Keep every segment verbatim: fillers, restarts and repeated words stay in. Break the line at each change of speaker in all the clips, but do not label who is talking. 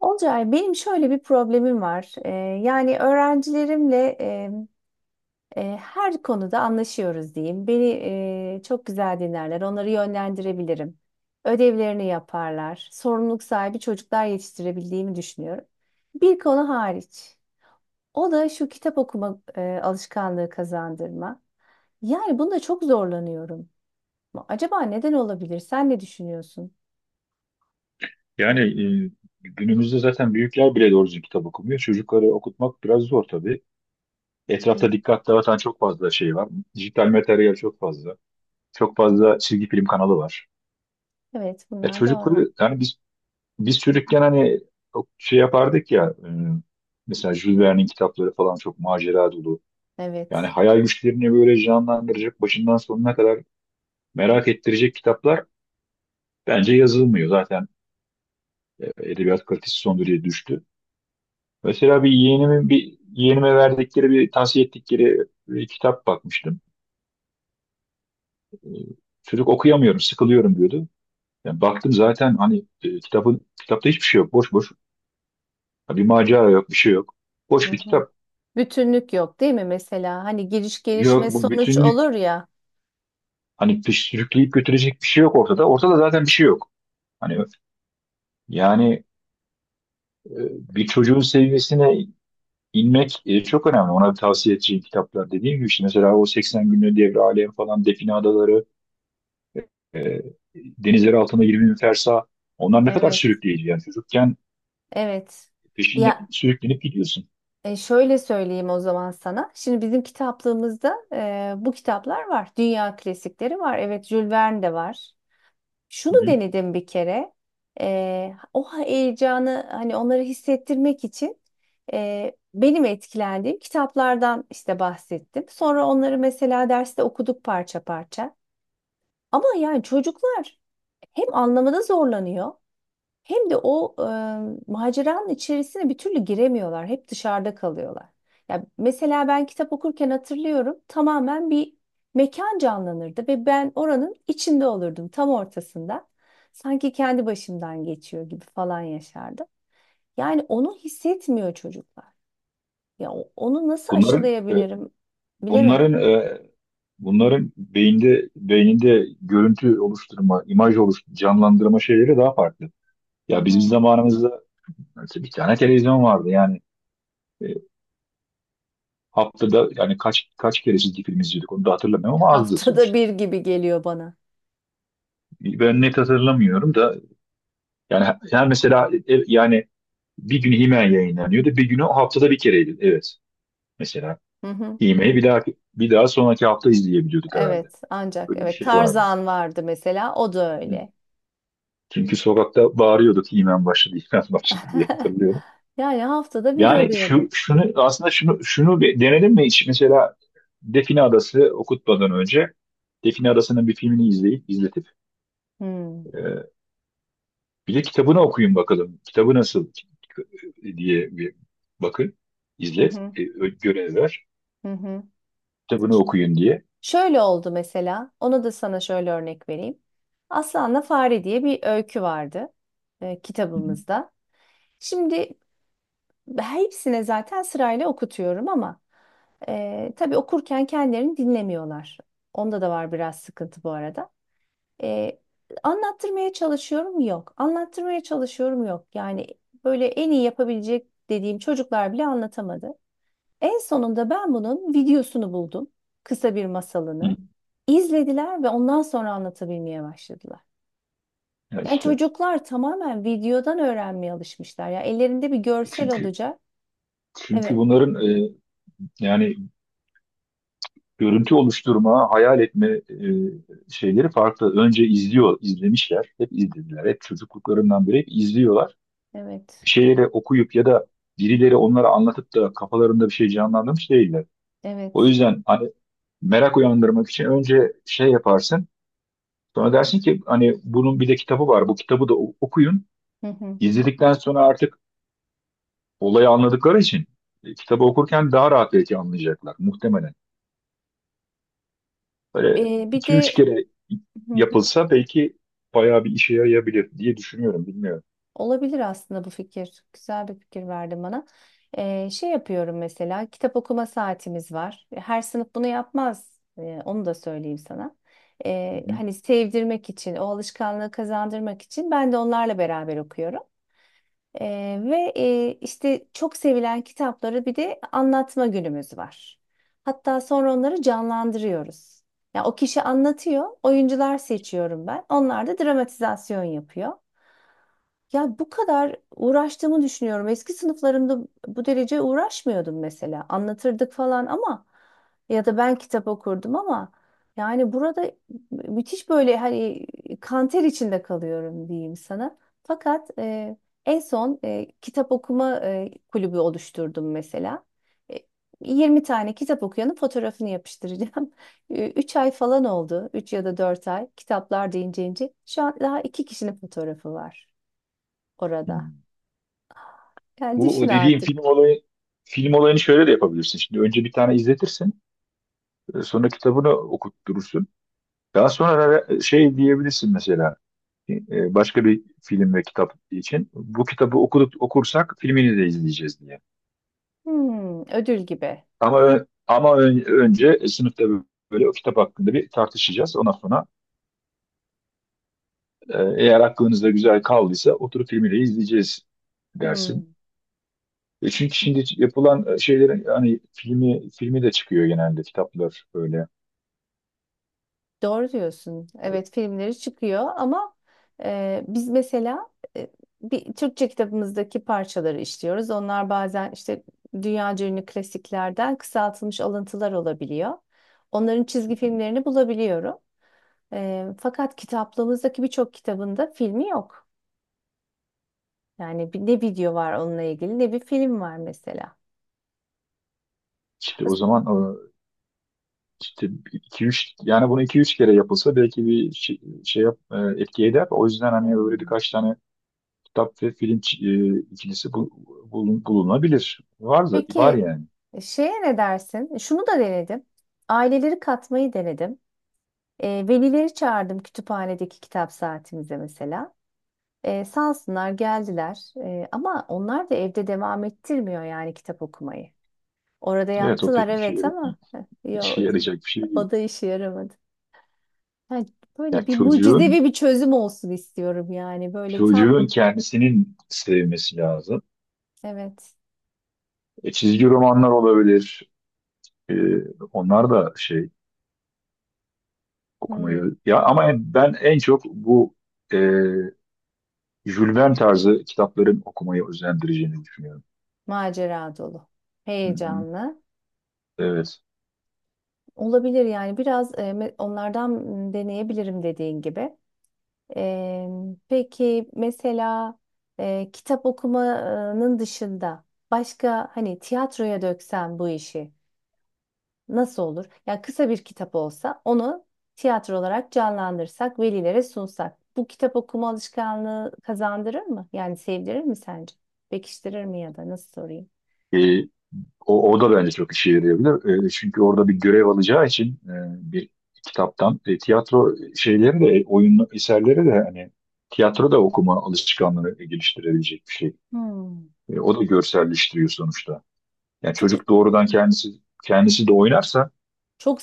Olcay, benim şöyle bir problemim var. Ee, yani öğrencilerimle e, e, her konuda anlaşıyoruz diyeyim. Beni e, çok güzel dinlerler, onları yönlendirebilirim. Ödevlerini yaparlar. Sorumluluk sahibi çocuklar yetiştirebildiğimi düşünüyorum. Bir konu hariç. O da şu kitap okuma e, alışkanlığı kazandırma. Yani bunda çok zorlanıyorum. Acaba neden olabilir? Sen ne düşünüyorsun?
Yani e, günümüzde zaten büyükler bile doğru düzgün kitap okumuyor. Çocukları okutmak biraz zor tabii.
Hı.
Etrafta dikkat dağıtan çok fazla şey var. Dijital materyal çok fazla. Çok fazla çizgi film kanalı var.
Evet,
Ya
bunlar doğru.
çocukları yani biz biz çocukken hani çok şey yapardık ya e, mesela Jules Verne'in kitapları falan çok macera dolu. Yani
Evet.
hayal güçlerini böyle canlandıracak, başından sonuna kadar merak ettirecek kitaplar bence yazılmıyor. Zaten e, edebiyat kalitesi son derece düştü. Mesela bir yeğenimin bir yeğenime verdikleri bir tavsiye ettikleri bir kitap bakmıştım. E, Çocuk okuyamıyorum, sıkılıyorum diyordu. Yani baktım zaten hani e, kitabın kitapta hiçbir şey yok, boş boş. Ha, bir macera yok, bir şey yok. Boş bir kitap.
Bütünlük yok değil mi mesela? Hani giriş
Yok
gelişme
bu
sonuç
bütünlük,
olur ya.
hani pis- sürükleyip götürecek bir şey yok ortada. Ortada zaten bir şey yok. Hani, yani, e, bir çocuğun seviyesine inmek e, çok önemli. Ona tavsiye edeceğim kitaplar dediğim gibi, işte mesela o seksen günlük devre alem falan, Define Adaları, E, denizleri altında 20 bin fersa. Onlar ne kadar
Evet.
sürükleyici, yani çocukken
Evet.
peşinde
Ya
sürüklenip gidiyorsun.
e, şöyle söyleyeyim o zaman sana. Şimdi bizim kitaplığımızda e, bu kitaplar var. Dünya klasikleri var. Evet, Jules Verne de var.
Hı
Şunu
hı.
denedim bir kere. E, o heyecanı hani onları hissettirmek için e, benim etkilendiğim kitaplardan işte bahsettim. Sonra onları mesela derste okuduk parça parça. Ama yani çocuklar hem anlamada zorlanıyor hem de o e, maceranın içerisine bir türlü giremiyorlar. Hep dışarıda kalıyorlar. Ya mesela ben kitap okurken hatırlıyorum tamamen bir mekan canlanırdı ve ben oranın içinde olurdum tam ortasında. Sanki kendi başımdan geçiyor gibi falan yaşardım. Yani onu hissetmiyor çocuklar. Ya o- onu nasıl
Bunların e,
aşılayabilirim bilemedim.
bunların e, bunların beyinde beyninde görüntü oluşturma, imaj oluşturma, canlandırma şeyleri daha farklı.
Hı
Ya bizim
hı.
zamanımızda mesela bir tane televizyon vardı, yani e, haftada, yani kaç kaç kere çizgi film izliyorduk onu da hatırlamıyorum ama azdı
Haftada
sonuçta.
bir gibi geliyor bana.
Ben net hatırlamıyorum da, yani her mesela, e, yani bir günü Himen yayınlanıyordu. Bir günü haftada bir kereydi. Evet. Mesela
Hı hı.
İğme'yi bir daha bir daha sonraki hafta izleyebiliyorduk herhalde.
Evet, ancak
Böyle bir
evet
şey vardı.
Tarzan vardı mesela o da
Hı.
öyle.
Çünkü sokakta bağırıyorduk İğmen başladı, İğmen başladı diye hatırlıyorum.
Yani haftada bir
Yani şu
oluyordu.
şunu aslında şunu şunu bir denedim mi hiç? Mesela Define Adası okutmadan önce Define Adası'nın bir filmini izleyip izletip
Hmm.
e, bir de kitabını okuyun bakalım. Kitabı nasıl diye bir bakın,
Hı
izlet,
hı,
e, ö- görev ver.
hı hı.
Kitabını okuyun diye.
Şöyle oldu mesela. Onu da sana şöyle örnek vereyim. Aslanla Fare diye bir öykü vardı e,
Hı hı.
kitabımızda. Şimdi hepsine zaten sırayla okutuyorum ama e, tabii okurken kendilerini dinlemiyorlar. Onda da var biraz sıkıntı bu arada. E, Anlattırmaya çalışıyorum yok. Anlattırmaya çalışıyorum yok. Yani böyle en iyi yapabilecek dediğim çocuklar bile anlatamadı. En sonunda ben bunun videosunu buldum. Kısa bir
Hı.
masalını. İzlediler ve ondan sonra anlatabilmeye başladılar.
Ya
Yani
işte,
çocuklar tamamen videodan öğrenmeye alışmışlar. Ya ellerinde bir görsel
çünkü
olacak.
çünkü
Evet,
bunların e, yani görüntü oluşturma, hayal etme e, şeyleri farklı. Önce izliyor, izlemişler. Hep izlediler. Hep çocukluklarından beri hep izliyorlar.
evet,
Bir şeyleri okuyup ya da birileri onlara anlatıp da kafalarında bir şey canlandırmış değiller. O
evet.
yüzden hani merak uyandırmak için önce şey yaparsın. Sonra dersin ki hani bunun bir de kitabı var. Bu kitabı da o- okuyun.
Hı hı.
İzledikten sonra, artık olayı anladıkları için, e, kitabı okurken daha rahat belki anlayacaklar, muhtemelen. Böyle
E, bir
iki üç
de
kere yapılsa belki bayağı bir işe yarayabilir diye düşünüyorum. Bilmiyorum.
olabilir aslında bu fikir. Güzel bir fikir verdin bana. Ee, şey yapıyorum mesela kitap okuma saatimiz var. Her sınıf bunu yapmaz. Ee, onu da söyleyeyim sana.
Hı
Ee,
hı.
hani sevdirmek için, o alışkanlığı kazandırmak için ben de onlarla beraber okuyorum. Ee, ve e, işte çok sevilen kitapları bir de anlatma günümüz var. Hatta sonra onları canlandırıyoruz. Ya o kişi anlatıyor, oyuncular seçiyorum ben. Onlar da dramatizasyon yapıyor. Ya bu kadar uğraştığımı düşünüyorum. Eski sınıflarımda bu derece uğraşmıyordum mesela. Anlatırdık falan ama ya da ben kitap okurdum ama yani burada müthiş böyle hani kanter içinde kalıyorum diyeyim sana. Fakat e, en son e, kitap okuma e, kulübü oluşturdum mesela. E, yirmi tane kitap okuyanın fotoğrafını yapıştıracağım. Üç ay falan oldu. Üç ya da dört ay. Kitaplar deyince ince. Şu an daha iki kişinin fotoğrafı var
Hı.
orada. Yani
Bu
düşün
o dediğim film
artık.
olayı film olayını şöyle de yapabilirsin. Şimdi önce bir tane izletirsin. e, Sonra kitabını okutturursun. Daha sonra ara- şey diyebilirsin, mesela e, e, başka bir film ve kitap için. Bu kitabı okuduk, okursak filmini de izleyeceğiz diye.
Hmm, ödül gibi.
Ama ö- ama ön- önce sınıfta böyle o kitap hakkında bir tartışacağız. Ondan sonra, Ee, eğer aklınızda güzel kaldıysa oturup filmiyle izleyeceğiz dersin.
Hmm,
E çünkü şimdi yapılan e, şeylerin hani filmi filmi de çıkıyor genelde, kitaplar böyle.
doğru diyorsun. Evet filmleri çıkıyor ama e, biz mesela e, bir Türkçe kitabımızdaki parçaları işliyoruz. Onlar bazen işte dünyaca ünlü klasiklerden kısaltılmış alıntılar olabiliyor. Onların çizgi filmlerini bulabiliyorum. E, fakat kitaplığımızdaki birçok kitabında filmi yok. Yani bir- ne video var onunla ilgili ne bir film var mesela.
İşte o zaman, e, işte iki üç, yani bunu iki üç kere yapılsa belki bir şey, şey yap, e, etki eder. O yüzden hani böyle
Hmm.
birkaç tane kitap ve film ç- e, ikilisi bu- bulun- bulunabilir. Var da var
Peki
yani.
e, şeye ne dersin? E, Şunu da denedim. Aileleri katmayı denedim. E, velileri çağırdım kütüphanedeki kitap saatimize mesela. E, sağ olsunlar geldiler. E, ama onlar da evde devam ettirmiyor yani kitap okumayı. Orada
Evet o
yaptılar
pek işe,
evet
yara-
ama heh, yo,
işe yarayacak bir şey değil.
o da işe yaramadı. Yani böyle
Ya
bir
çocuğun
mucizevi bir çözüm olsun istiyorum yani. Böyle tam
çocuğun kendisinin sevmesi lazım.
evet
E, çizgi romanlar olabilir. E, Onlar da şey
hmm,
okumayı, ya ama en- ben en çok bu e, Jules Verne tarzı kitapların okumayı özendireceğini düşünüyorum.
macera dolu,
Hı hı.
heyecanlı.
Evet.
Olabilir yani biraz e, me- onlardan m, deneyebilirim dediğin gibi. E, peki mesela e, kitap okumanın dışında başka hani tiyatroya döksem bu işi nasıl olur? Yani kısa bir kitap olsa onu tiyatro olarak canlandırsak, velilere sunsak. Bu kitap okuma alışkanlığı kazandırır mı? Yani sevdirir mi sence? Pekiştirir mi ya da nasıl sorayım?
E, o, O da bence çok işe yarayabilir. E, çünkü orada bir görev alacağı için, e, bir kitaptan, e, tiyatro şeyleri de, oyun eserleri de, hani tiyatro da okuma alışkanlığını geliştirebilecek bir şey.
Hmm.
E, o da görselleştiriyor sonuçta. Yani
Çünkü
çocuk doğrudan kendisi kendisi de oynarsa,
çok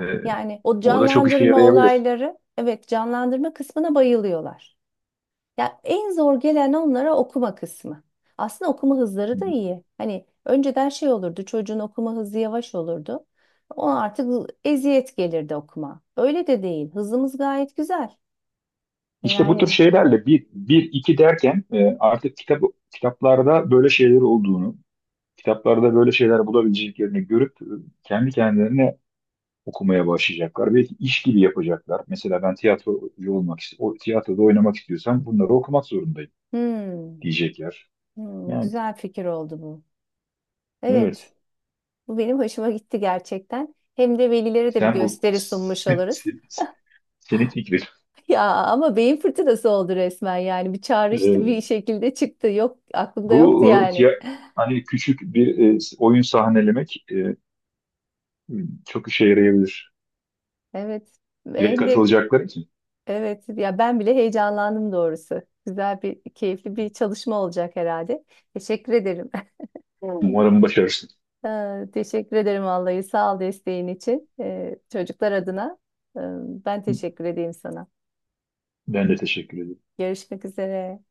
e,
Yani o
o da çok işe
canlandırma
yarayabilir.
olayları, evet canlandırma kısmına bayılıyorlar. Ya en zor gelen onlara okuma kısmı. Aslında okuma
Hı
hızları da
hı.
iyi. Hani önceden şey olurdu, çocuğun okuma hızı yavaş olurdu. Ona artık eziyet gelirdi okuma. Öyle de değil. Hızımız gayet güzel. E,
İşte bu tür
Yani
şeylerle bir, bir, iki derken, e, artık kitap, kitaplarda böyle şeyler olduğunu, kitaplarda böyle şeyler bulabileceklerini görüp, e, kendi kendilerine okumaya başlayacaklar. Belki iş gibi yapacaklar. Mesela ben tiyatrocu olmak, ist- o tiyatroda oynamak istiyorsam bunları okumak zorundayım
hmm,
diyecekler.
hmm,
Yani
güzel fikir oldu bu. Evet,
evet.
bu benim hoşuma gitti gerçekten. Hem de velilere de bir
Sen bu
gösteri sunmuş oluruz.
senin fikrin.
Ya ama beyin fırtınası oldu resmen yani bir çağrıştı
E,
bir şekilde çıktı yok aklımda
Bu
yoktu
e,
yani.
tiya- hani küçük bir e, oyun sahnelemek. e, Hmm, Çok işe yarayabilir.
Evet
Direkt
hem de
katılacaklar için.
evet ya ben bile heyecanlandım doğrusu. Güzel bir keyifli bir çalışma olacak herhalde. Teşekkür ederim. Evet.
Umarım başarırsın.
Ee, Teşekkür ederim vallahi sağ ol desteğin için. Ee, çocuklar adına e, ben teşekkür edeyim sana.
Ben de teşekkür ederim.
Görüşmek üzere.